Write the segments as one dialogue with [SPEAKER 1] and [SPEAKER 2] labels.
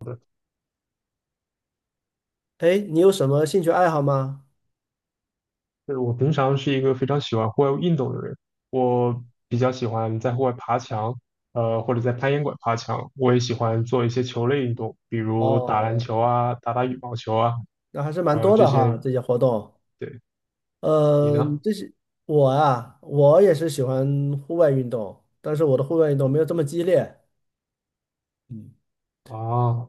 [SPEAKER 1] 就
[SPEAKER 2] 哎，你有什么兴趣爱好吗？
[SPEAKER 1] 是我平常是一个非常喜欢户外运动的人，我比较喜欢在户外爬墙，或者在攀岩馆爬墙。我也喜欢做一些球类运动，比如打篮
[SPEAKER 2] 哦，
[SPEAKER 1] 球啊、打打羽毛球啊，
[SPEAKER 2] 那还是蛮多
[SPEAKER 1] 这
[SPEAKER 2] 的哈，
[SPEAKER 1] 些。
[SPEAKER 2] 这些活动。
[SPEAKER 1] 对，你
[SPEAKER 2] 呃，
[SPEAKER 1] 呢？
[SPEAKER 2] 这些我啊，我也是喜欢户外运动，但是我的户外运动没有这么激烈。嗯，
[SPEAKER 1] 啊，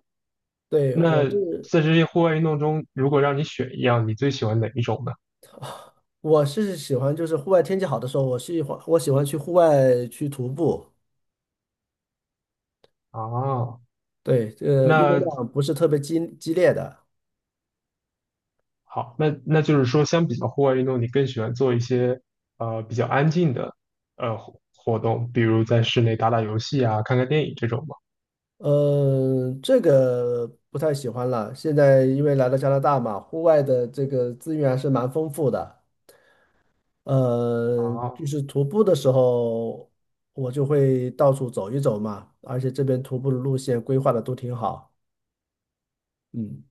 [SPEAKER 2] 对，我
[SPEAKER 1] 那
[SPEAKER 2] 是
[SPEAKER 1] 在这些户外运动中，如果让你选一样，你最喜欢哪一种呢？
[SPEAKER 2] 我是喜欢，就是户外天气好的时候，我喜欢去户外去徒步。
[SPEAKER 1] 啊，
[SPEAKER 2] 对，运动
[SPEAKER 1] 那
[SPEAKER 2] 量不是特别激烈的。
[SPEAKER 1] 好，那就是说，相比较户外运动，你更喜欢做一些比较安静的活动，比如在室内打打游戏啊、看看电影这种吗？
[SPEAKER 2] 这个不太喜欢了。现在因为来到加拿大嘛，户外的这个资源还是蛮丰富的。呃，
[SPEAKER 1] 啊
[SPEAKER 2] 就是徒步的时候，我就会到处走一走嘛，而且这边徒步的路线规划的都挺好。嗯，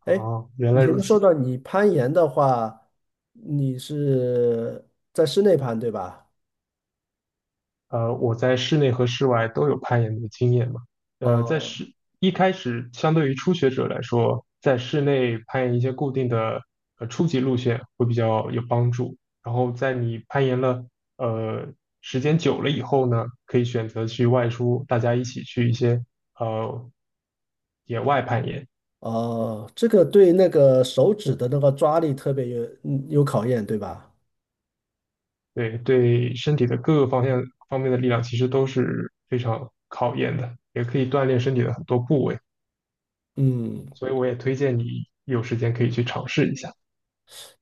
[SPEAKER 1] 啊，
[SPEAKER 2] 哎，
[SPEAKER 1] 原
[SPEAKER 2] 你
[SPEAKER 1] 来
[SPEAKER 2] 前
[SPEAKER 1] 如
[SPEAKER 2] 面
[SPEAKER 1] 此。
[SPEAKER 2] 说到你攀岩的话，你是在室内攀对吧？
[SPEAKER 1] 我在室内和室外都有攀岩的经验嘛。呃，在
[SPEAKER 2] 哦
[SPEAKER 1] 室一开始，相对于初学者来说，在室内攀岩一些固定的初级路线会比较有帮助。然后在你攀岩了呃时间久了以后呢，可以选择去外出，大家一起去一些呃野外攀岩。
[SPEAKER 2] 哦，这个对那个手指的那个抓力特别有考验，对吧？
[SPEAKER 1] 对，对身体的各个方面的力量其实都是非常考验的，也可以锻炼身体的很多部位。
[SPEAKER 2] 嗯。
[SPEAKER 1] 所以我也推荐你有时间可以去尝试一下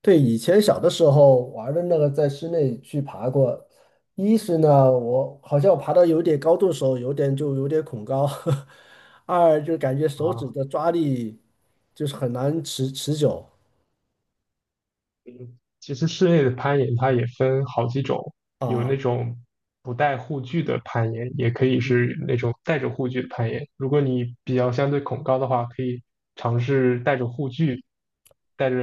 [SPEAKER 2] 对，以前小的时候玩的那个，在室内去爬过。一是呢，我好像我爬到有点高度的时候，有点恐高；二就感觉手指
[SPEAKER 1] 啊。
[SPEAKER 2] 的抓力就是很难持久
[SPEAKER 1] 其实室内的攀岩它也分好几种，有那
[SPEAKER 2] 啊。
[SPEAKER 1] 种不带护具的攀岩，也可以
[SPEAKER 2] 嗯，
[SPEAKER 1] 是那种带着护具的攀岩。如果你比较相对恐高的话，可以尝试带着护具，带着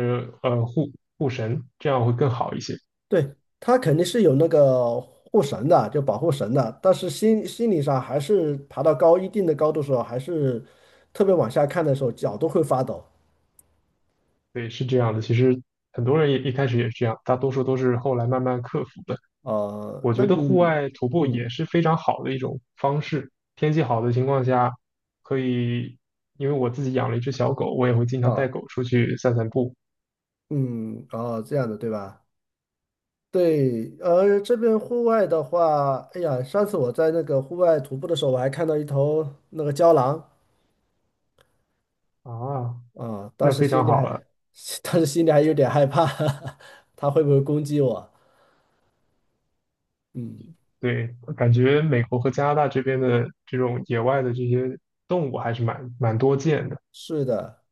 [SPEAKER 1] 呃护护绳，这样会更好一些。
[SPEAKER 2] 对，它肯定是有那个护绳的，就保护绳的，但是心理上还是爬到高一定的高度的时候，还是特别往下看的时候，脚都会发抖。
[SPEAKER 1] 对，是这样的。其实很多人也一开始也是这样，大多数都是后来慢慢克服的。
[SPEAKER 2] 呃，
[SPEAKER 1] 我
[SPEAKER 2] 那
[SPEAKER 1] 觉得户
[SPEAKER 2] 你，
[SPEAKER 1] 外徒步
[SPEAKER 2] 嗯
[SPEAKER 1] 也是非常好的一种方式。天气好的情况下，可以，因为我自己养了一只小狗，我也会经常带
[SPEAKER 2] 啊，
[SPEAKER 1] 狗出去散散步
[SPEAKER 2] 嗯啊，这样的对吧？对，呃，这边户外的话，哎呀，上次我在那个户外徒步的时候，我还看到一头那个郊狼
[SPEAKER 1] 啊，
[SPEAKER 2] 啊，当
[SPEAKER 1] 那
[SPEAKER 2] 时
[SPEAKER 1] 非
[SPEAKER 2] 心
[SPEAKER 1] 常
[SPEAKER 2] 里
[SPEAKER 1] 好
[SPEAKER 2] 还，
[SPEAKER 1] 了。
[SPEAKER 2] 当时心里还有点害怕，它会不会攻击我？嗯，
[SPEAKER 1] 对，感觉美国和加拿大这边的这种野外的这些动物还是蛮多见的。
[SPEAKER 2] 是的，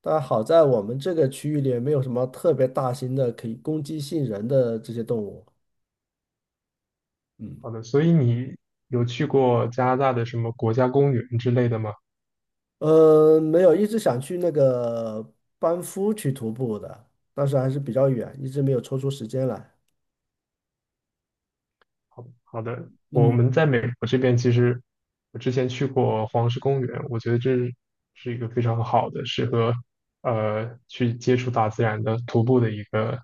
[SPEAKER 2] 但好在我们这个区域里没有什么特别大型的可以攻击性人的这些动物。嗯，
[SPEAKER 1] 好的，所以你有去过加拿大的什么国家公园之类的吗？
[SPEAKER 2] 呃，没有，一直想去那个班夫去徒步的，但是还是比较远，一直没有抽出时间来。
[SPEAKER 1] 好的，我们
[SPEAKER 2] 嗯。
[SPEAKER 1] 在美国这边，其实我之前去过黄石公园，我觉得这是一个非常好的，适合去接触大自然的徒步的一个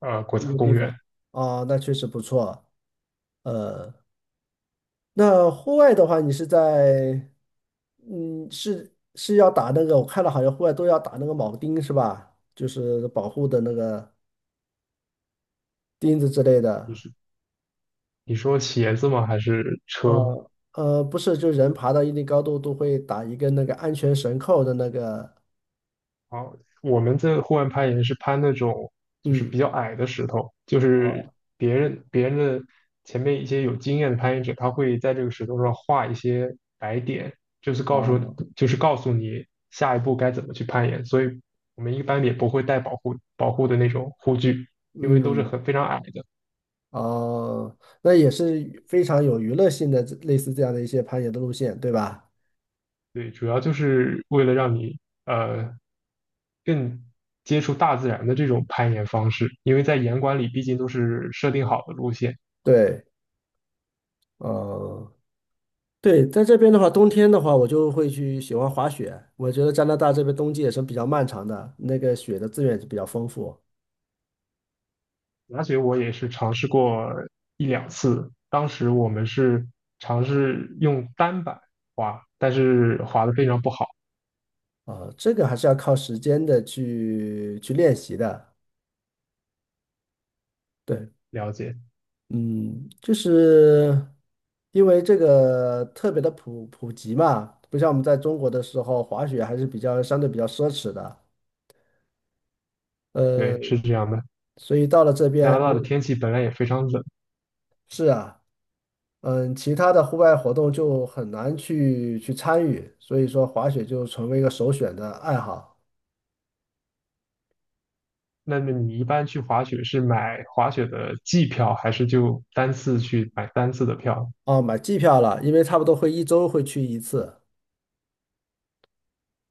[SPEAKER 1] 国家
[SPEAKER 2] 一个地
[SPEAKER 1] 公
[SPEAKER 2] 方
[SPEAKER 1] 园。
[SPEAKER 2] 啊，那确实不错。呃，那户外的话，你是在，嗯，是要打那个，我看了好像户外都要打那个铆钉是吧？就是保护的那个钉子之类
[SPEAKER 1] 你
[SPEAKER 2] 的。
[SPEAKER 1] 是你说鞋子吗？还是
[SPEAKER 2] 啊，
[SPEAKER 1] 车？
[SPEAKER 2] 呃，不是，就人爬到一定高度都会打一个那个安全绳扣的那个，
[SPEAKER 1] 好，我们这户外攀岩是攀那种就是比
[SPEAKER 2] 嗯，
[SPEAKER 1] 较矮的石头，就是
[SPEAKER 2] 哦
[SPEAKER 1] 别人的前面一些有经验的攀岩者，他会在这个石头上画一些白点，就是告诉
[SPEAKER 2] 哦，
[SPEAKER 1] 就是告诉你下一步该怎么去攀岩。所以我们一般也不会带保护的那种护具，因为都是
[SPEAKER 2] 嗯
[SPEAKER 1] 非常矮的。
[SPEAKER 2] 哦，那也是非常有娱乐性的，类似这样的一些攀岩的路线，对吧？
[SPEAKER 1] 对，主要就是为了让你呃更接触大自然的这种攀岩方式，因为在岩馆里毕竟都是设定好的路线。
[SPEAKER 2] 对，嗯。对，在这边的话，冬天的话，我就会去喜欢滑雪。我觉得加拿大这边冬季也是比较漫长的，那个雪的资源也是比较丰富
[SPEAKER 1] 滑雪我也是尝试过一两次，当时我们是尝试用单板滑，但是滑的非常不好。
[SPEAKER 2] 啊，这个还是要靠时间的去练习的。对，
[SPEAKER 1] 了解，
[SPEAKER 2] 嗯，就是因为这个特别的普及嘛，不像我们在中国的时候，滑雪还是比较相对比较奢侈的。呃，
[SPEAKER 1] 对，是这样的。
[SPEAKER 2] 所以到了这
[SPEAKER 1] 加
[SPEAKER 2] 边，
[SPEAKER 1] 拿
[SPEAKER 2] 哎
[SPEAKER 1] 大的天气本来也非常冷，
[SPEAKER 2] 是啊。嗯，其他的户外活动就很难去参与，所以说滑雪就成为一个首选的爱好。
[SPEAKER 1] 那么你一般去滑雪是买滑雪的季票，还是就单次去买单次的票？
[SPEAKER 2] 哦，买季票了，因为差不多会一周会去一次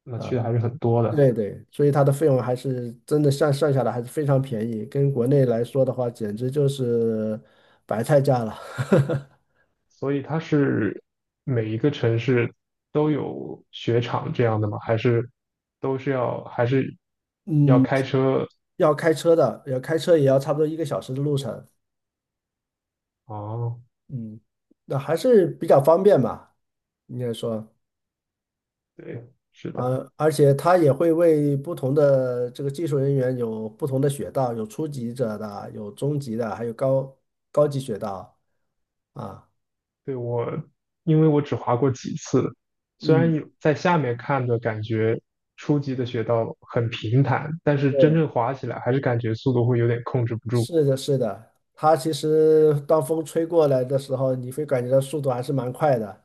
[SPEAKER 1] 那
[SPEAKER 2] 啊，
[SPEAKER 1] 去的还是很多的，
[SPEAKER 2] 对对，所以它的费用还是真的算下来还是非常便宜，跟国内来说的话，简直就是白菜价了。
[SPEAKER 1] 所以它是每一个城市都有雪场这样的吗？还是都是要还是要
[SPEAKER 2] 嗯，
[SPEAKER 1] 开车？
[SPEAKER 2] 要开车的，要开车也要差不多一个小时的路程，
[SPEAKER 1] 哦。
[SPEAKER 2] 嗯，那还是比较方便吧，应该说。
[SPEAKER 1] 对，是的，
[SPEAKER 2] 呃，而且他也会为不同的这个技术人员有不同的雪道，有初级者的，有中级的，还有高级雪道啊。
[SPEAKER 1] 对因为我只滑过几次，虽然
[SPEAKER 2] 嗯，
[SPEAKER 1] 有在下面看的感觉初级的雪道很平坦，但是真
[SPEAKER 2] 对，
[SPEAKER 1] 正滑起来还是感觉速度会有点控制不住。
[SPEAKER 2] 是的，是的。它其实当风吹过来的时候，你会感觉到速度还是蛮快的。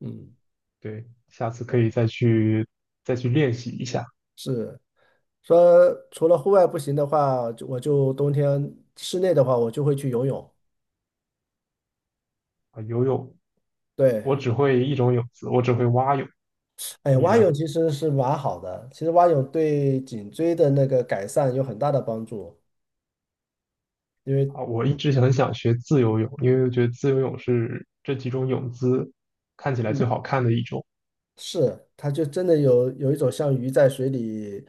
[SPEAKER 2] 嗯，
[SPEAKER 1] 对，下次可以再去练习一下
[SPEAKER 2] 是说除了户外不行的话，就我就冬天室内的话，我就会去游泳。
[SPEAKER 1] 啊，游泳，
[SPEAKER 2] 对，
[SPEAKER 1] 我只会一种泳姿，我只会蛙泳。
[SPEAKER 2] 哎，
[SPEAKER 1] 你
[SPEAKER 2] 蛙泳
[SPEAKER 1] 呢？
[SPEAKER 2] 其实是蛮好的，其实蛙泳对颈椎的那个改善有很大的帮助，因为
[SPEAKER 1] 啊，我一直很想学自由泳，因为我觉得自由泳是这几种泳姿看起来最
[SPEAKER 2] 嗯，
[SPEAKER 1] 好看的一种。
[SPEAKER 2] 是它就真的有一种像鱼在水里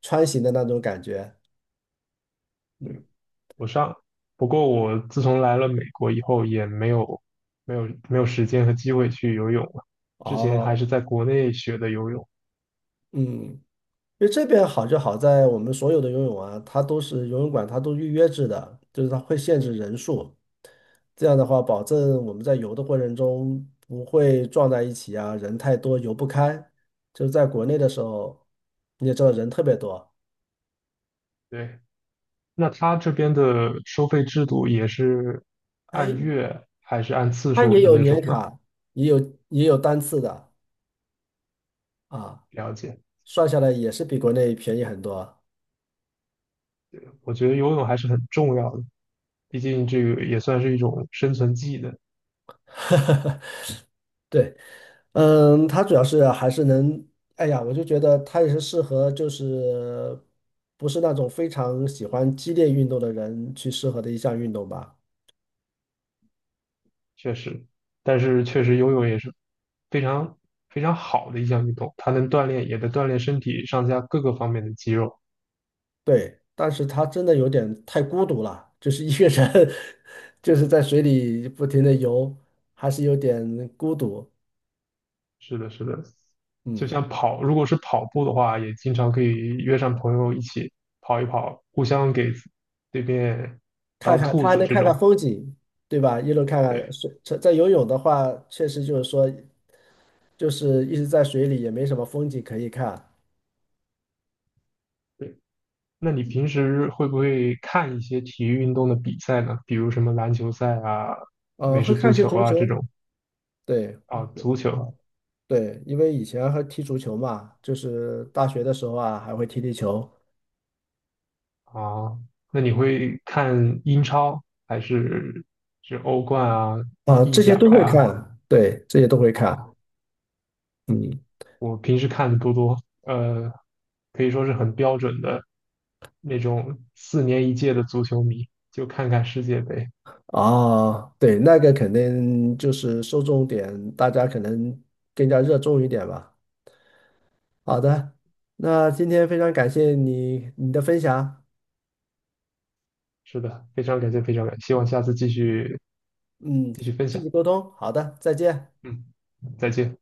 [SPEAKER 2] 穿行的那种感觉。嗯，
[SPEAKER 1] 我上，不过我自从来了美国以后，也没有时间和机会去游泳了。之前还
[SPEAKER 2] 哦，
[SPEAKER 1] 是在国内学的游泳。
[SPEAKER 2] 嗯。因为这边好就好在我们所有的游泳啊，它都是游泳馆，它都预约制的，就是它会限制人数。这样的话，保证我们在游的过程中不会撞在一起啊，人太多游不开。就是在国内的时候，你也知道人特别多，
[SPEAKER 1] 对，那他这边的收费制度也是
[SPEAKER 2] 哎，
[SPEAKER 1] 按月还是按次
[SPEAKER 2] 它
[SPEAKER 1] 数
[SPEAKER 2] 也
[SPEAKER 1] 的
[SPEAKER 2] 有
[SPEAKER 1] 那
[SPEAKER 2] 年
[SPEAKER 1] 种呢？
[SPEAKER 2] 卡，也有也有单次的啊，
[SPEAKER 1] 了解，
[SPEAKER 2] 算下来也是比国内便宜很多。
[SPEAKER 1] 我觉得游泳还是很重要的，毕竟这个也算是一种生存技能，
[SPEAKER 2] 对。嗯，他主要是还是能，哎呀，我就觉得他也是适合，就是不是那种非常喜欢激烈运动的人去适合的一项运动吧。
[SPEAKER 1] 确实。但是确实游泳也是非常非常好的一项运动，它能锻炼，也能锻炼身体上下各个方面的肌肉。
[SPEAKER 2] 对，但是他真的有点太孤独了，就是一个人，就是在水里不停的游，还是有点孤独。
[SPEAKER 1] 是的，是的，就
[SPEAKER 2] 嗯，
[SPEAKER 1] 像跑，如果是跑步的话，也经常可以约上朋友一起跑一跑，互相给对面
[SPEAKER 2] 看
[SPEAKER 1] 当
[SPEAKER 2] 看
[SPEAKER 1] 兔
[SPEAKER 2] 他还
[SPEAKER 1] 子
[SPEAKER 2] 能
[SPEAKER 1] 这
[SPEAKER 2] 看看
[SPEAKER 1] 种。
[SPEAKER 2] 风景，对吧？一路看看
[SPEAKER 1] 对
[SPEAKER 2] 水，在游泳的话，确实就是说，就是一直在水里也没什么风景可以看。
[SPEAKER 1] 对，那你平时会不会看一些体育运动的比赛呢？比如什么篮球赛啊、
[SPEAKER 2] 呃，
[SPEAKER 1] 美
[SPEAKER 2] 会
[SPEAKER 1] 式足
[SPEAKER 2] 看一些
[SPEAKER 1] 球
[SPEAKER 2] 足
[SPEAKER 1] 啊这
[SPEAKER 2] 球，
[SPEAKER 1] 种
[SPEAKER 2] 对，
[SPEAKER 1] 啊，足
[SPEAKER 2] 啊，
[SPEAKER 1] 球
[SPEAKER 2] 对，因为以前还踢足球嘛，就是大学的时候啊，还会踢球
[SPEAKER 1] 啊，那你会看英超还是欧冠啊、
[SPEAKER 2] 啊，
[SPEAKER 1] 意
[SPEAKER 2] 这些
[SPEAKER 1] 甲
[SPEAKER 2] 都会
[SPEAKER 1] 呀？
[SPEAKER 2] 看，对，这些都会看，
[SPEAKER 1] 啊？
[SPEAKER 2] 嗯，
[SPEAKER 1] 我平时看的多，呃，可以说是很标准的那种4年一届的足球迷，就看看世界杯。
[SPEAKER 2] 啊，对，那个肯定就是受众点，大家可能更加热衷一点吧。好的，那今天非常感谢你的分享，
[SPEAKER 1] 是的，非常感谢，非常感谢，希望下次继续
[SPEAKER 2] 嗯，
[SPEAKER 1] 继续分
[SPEAKER 2] 继
[SPEAKER 1] 享。
[SPEAKER 2] 续沟通，好的，再见。
[SPEAKER 1] 嗯，再见。